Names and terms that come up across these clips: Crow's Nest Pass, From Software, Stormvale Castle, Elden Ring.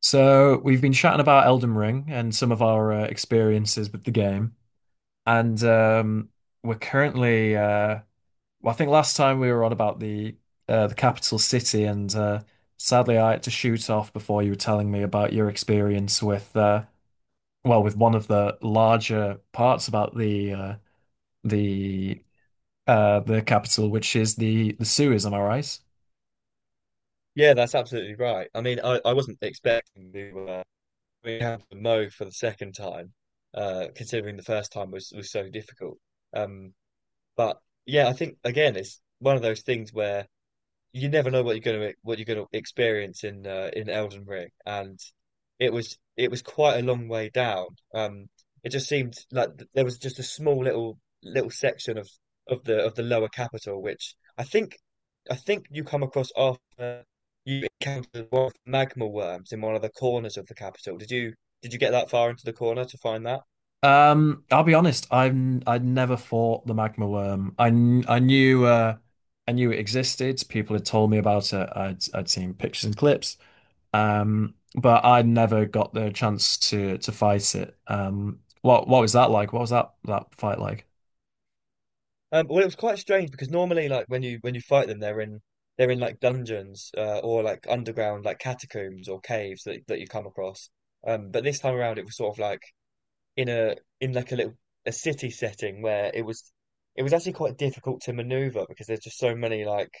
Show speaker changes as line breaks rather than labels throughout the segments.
So we've been chatting about Elden Ring and some of our experiences with the game, and we're currently. Uh, I think last time we were on about the capital city, and sadly, I had to shoot off before you were telling me about your experience with with one of the larger parts about the the capital, which is the sewers. Am I right?
Yeah, that's absolutely right. I wasn't expecting to we have to Mo for the second time, considering the first time was so difficult. Um, but yeah, I think again, it's one of those things where you never know what you're going to what you're going to experience in in Elden Ring, and it was quite a long way down. Um, it just seemed like there was just a small little section of of the lower capital, which I think you come across after you encountered one of the magma worms in one of the corners of the capital. Did you get that far into the corner to find that?
I'll be honest, I'd never fought the magma worm. I knew it existed. People had told me about it. I'd seen pictures and clips. But I would never got the chance to fight it. What was that like? What was that fight like?
Well, it was quite strange because normally, like when you fight them, they're in like dungeons or like underground like catacombs or caves that you come across. But this time around, it was sort of like in a in like a little a city setting where it was actually quite difficult to maneuver because there's just so many like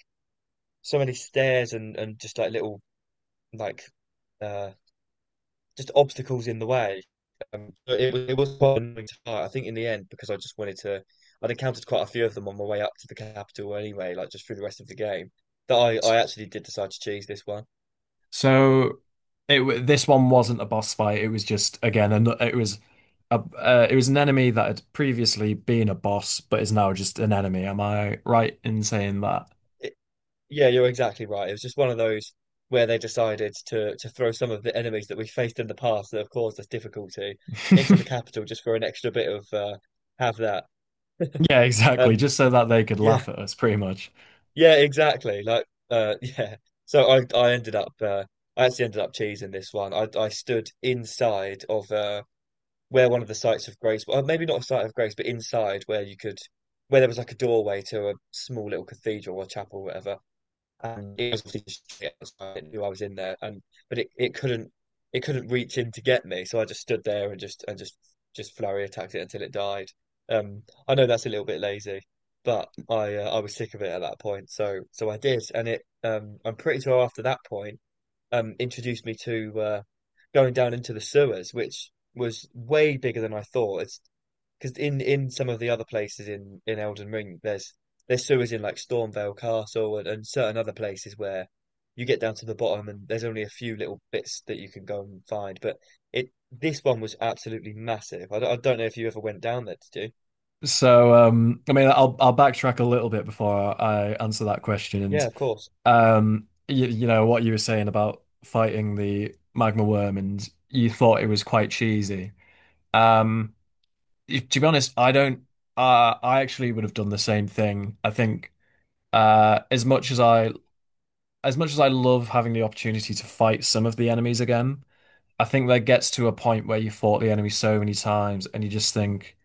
so many stairs and just like little like uh just obstacles in the way. So it was quite annoying to fight. I think in the end, because I just wanted to I'd encountered quite a few of them on my way up to the capital anyway, like just through the rest of the game. That I
S-
I actually did decide to choose this one.
So this one wasn't a boss fight. It was just again, it was a it was an enemy that had previously been a boss, but is now just an enemy. Am I right in saying that?
Yeah, you're exactly right. It was just one of those where they decided to throw some of the enemies that we faced in the past that have caused us difficulty into the capital just for an extra bit of have that.
Yeah, exactly.
Um,
Just so that they could
yeah,
laugh at us, pretty much.
yeah, exactly. Like, yeah. So I ended up I actually ended up cheesing this one. I stood inside of where one of the sites of grace, well, maybe not a site of grace, but inside where you could where there was like a doorway to a small little cathedral or chapel or whatever, and it was obviously straight outside. It knew I was in there, and but it couldn't it couldn't reach in to get me, so I just stood there and just flurry attacked it until it died. I know that's a little bit lazy, but I was sick of it at that point, so I did, and it I'm pretty sure after that point introduced me to going down into the sewers, which was way bigger than I thought. It's because in some of the other places in Elden Ring, there's sewers in like Stormvale Castle, and certain other places where you get down to the bottom and there's only a few little bits that you can go and find. But it this one was absolutely massive. I don't know if you ever went down there, did you?
So, I mean, I'll backtrack a little bit before I answer that question.
Yeah,
And
of course.
you, you know what you were saying about fighting the magma worm, and you thought it was quite cheesy. Um, to be honest, I don't. I actually would have done the same thing. I think as much as I as much as I love having the opportunity to fight some of the enemies again, I think there gets to a point where you fought the enemy so many times, and you just think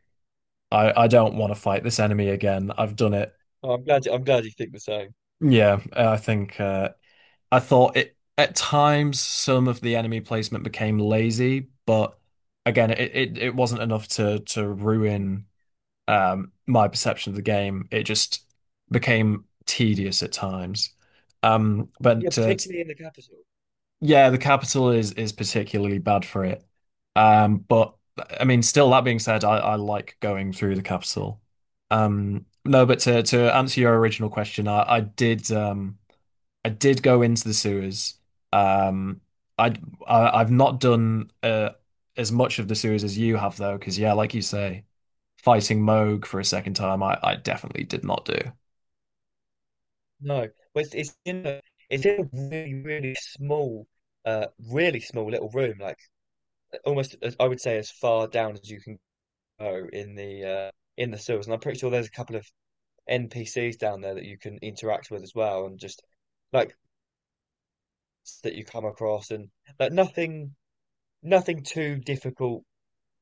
I don't want to fight this enemy again. I've done it.
Oh, I'm glad you think the same.
Yeah, I think I thought it at times some of the enemy placement became lazy, but again, it wasn't enough to ruin my perception of the game. It just became tedious at times.
Yeah,
But
particularly in the capital.
Yeah, the capital is particularly bad for it. But I mean, still that being said, I like going through the capital. No, but to answer your original question, I did go into the sewers. Um, I'd- I have not done as much of the sewers as you have though, because yeah, like you say, fighting Moog for a second time, I definitely did not do.
No, well, it's in a it's in a really really small little room. Like almost as I would say as far down as you can in the sewers, and I'm pretty sure there's a couple of NPCs down there that you can interact with as well, and just like that you come across, and like nothing too difficult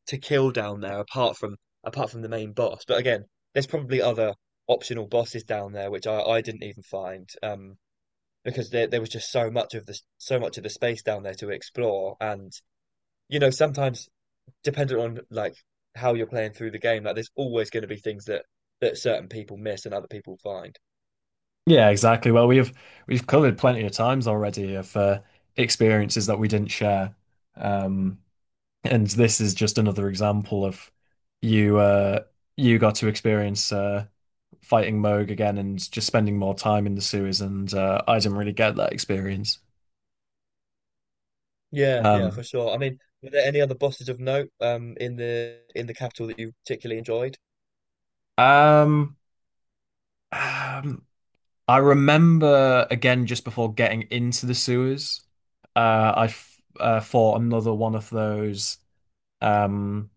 to kill down there apart from the main boss. But again, there's probably other optional bosses down there which I didn't even find, because there was just so much of the so much of the space down there to explore, and you know sometimes dependent on like how you're playing through the game, like there's always going to be things that certain people miss and other people find.
Yeah, exactly. Well, we've covered plenty of times already of experiences that we didn't share, um, and this is just another example of you uh, you got to experience fighting Moog again and just spending more time in the sewers, and I didn't really get that experience.
Yeah, yeah, for
Um,
sure. I mean, were there any other bosses of note in the capital that you particularly enjoyed?
um, um, I remember again just before getting into the sewers, uh, I f fought another one of those. Um,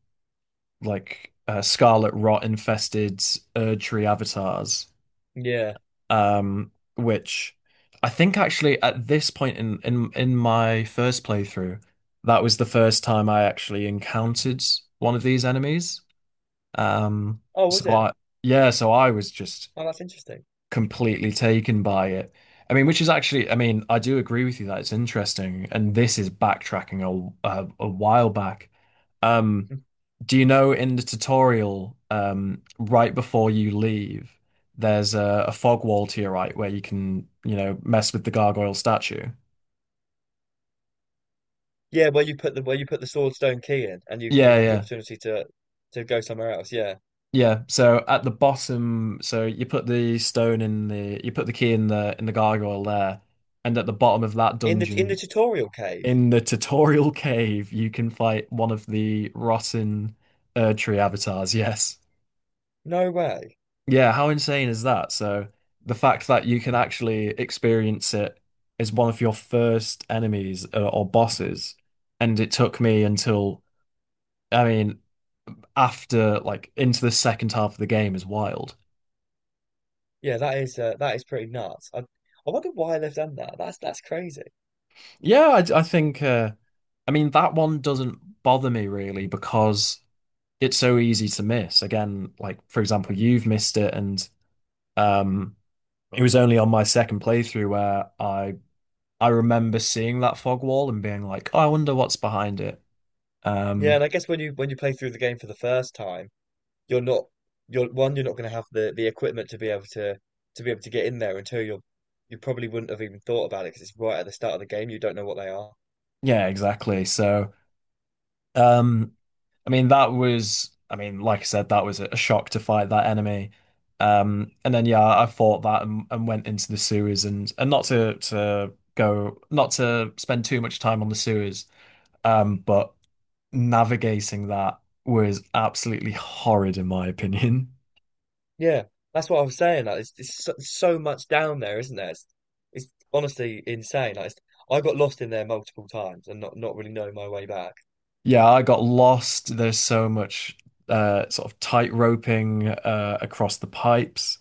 like scarlet rot infested Erd avatars,
Yeah.
which I think actually at this point in my first playthrough, that was the first time I actually encountered one of these enemies. Um,
Oh,
so
was it?
I Yeah, so I was just
Oh, that's interesting.
completely taken by it. I mean, which is actually, I mean, I do agree with you that it's interesting, and this is backtracking a while back. Um, do you know in the tutorial, right before you leave, there's a fog wall to your right where you can, you know, mess with the gargoyle statue.
Yeah, where you put the Swordstone key in, and you
Yeah,
have the
yeah,
opportunity to go somewhere else. Yeah,
yeah. So at the bottom, so you put the stone in the, you put the key in the gargoyle there, and at the bottom of that
in the
dungeon,
tutorial cave.
in the tutorial cave, you can fight one of the rotten Erdtree avatars, yes.
No way.
Yeah, how insane is that? So the fact that you can actually experience it as one of your first enemies or bosses, and it took me until, I mean, after like into the second half of the game is wild.
Yeah, that is pretty nuts. I wonder why they've done that. That's crazy.
Yeah, I think, I mean, that one doesn't bother me really because it's so easy to miss. Again, like for example, you've missed it and um, it was only on my second playthrough where I remember seeing that fog wall and being like, oh, I wonder what's behind it.
Yeah,
Um,
and I guess when you play through the game for the first time, you're not you're one, you're not going to have the equipment to be able to be able to get in there until you're you probably wouldn't have even thought about it because it's right at the start of the game. You don't know what they are.
yeah, exactly. So, um, I mean, that was, I mean, like I said, that was a shock to fight that enemy. And then yeah, I fought that and went into the sewers and not to go, not to spend too much time on the sewers, but navigating that was absolutely horrid in my opinion.
Yeah, that's what I was saying. Like, it's so, so much down there, isn't there? It's honestly insane. Like, it's, I got lost in there multiple times and not really knowing my way back.
Yeah, I got lost. There's so much sort of tight roping across the pipes,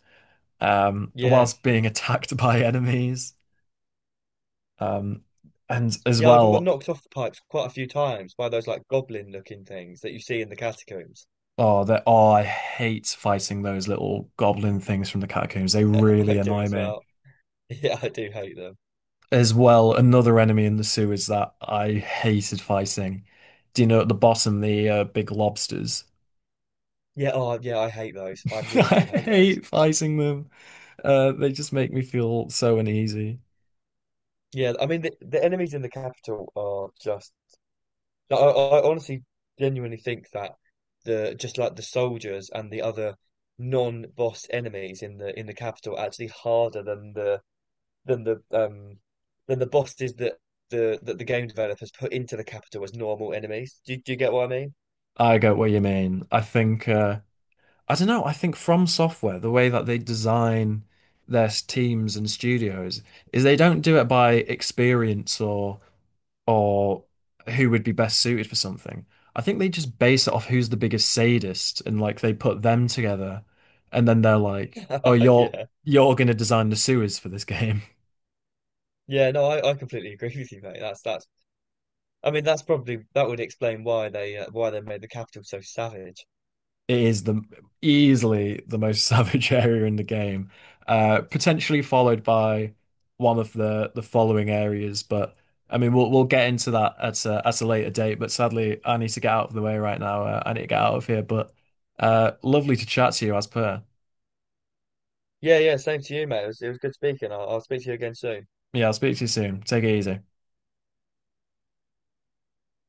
Yeah,
whilst being attacked by enemies. Um, and as
yeah, I got
well,
knocked off the pipes quite a few times by those like goblin looking things that you see in the catacombs.
oh, that oh, I hate fighting those little goblin things from the catacombs. They really
I do
annoy
as
me.
well. Yeah, I do hate them.
As well, another enemy in the sewers that I hated fighting. Do you know at the bottom the big lobsters?
Yeah, oh, yeah, I hate those. I really
I
do hate those.
hate fighting them. They just make me feel so uneasy.
Yeah, I mean, the enemies in the capital are just. I honestly, genuinely think that the just like the soldiers and the other non-boss enemies in the capital are actually harder than the than the um than the bosses that the game developers put into the capital as normal enemies. Do you get what I mean?
I get what you mean. I think I don't know. I think From Software, the way that they design teams and studios is they don't do it by experience or or who would be best suited for something. I think they just base it off who's the biggest sadist and like they put them together and then they're like, "Oh,
Yeah,
you're gonna design the sewers for this game."
yeah, no, I completely agree with you, mate. That's that's. I mean, that's probably that would explain why they made the capital so savage.
It is the easily the most savage area in the game, potentially followed by one of the following areas. But I mean, we'll get into that at at a later date. But sadly, I need to get out of the way right now. I need to get out of here. But lovely to chat to you, as per.
Yeah, yeah, same to you, mate. It was good speaking. I'll speak to you again soon.
Yeah, I'll speak to you soon. Take it easy.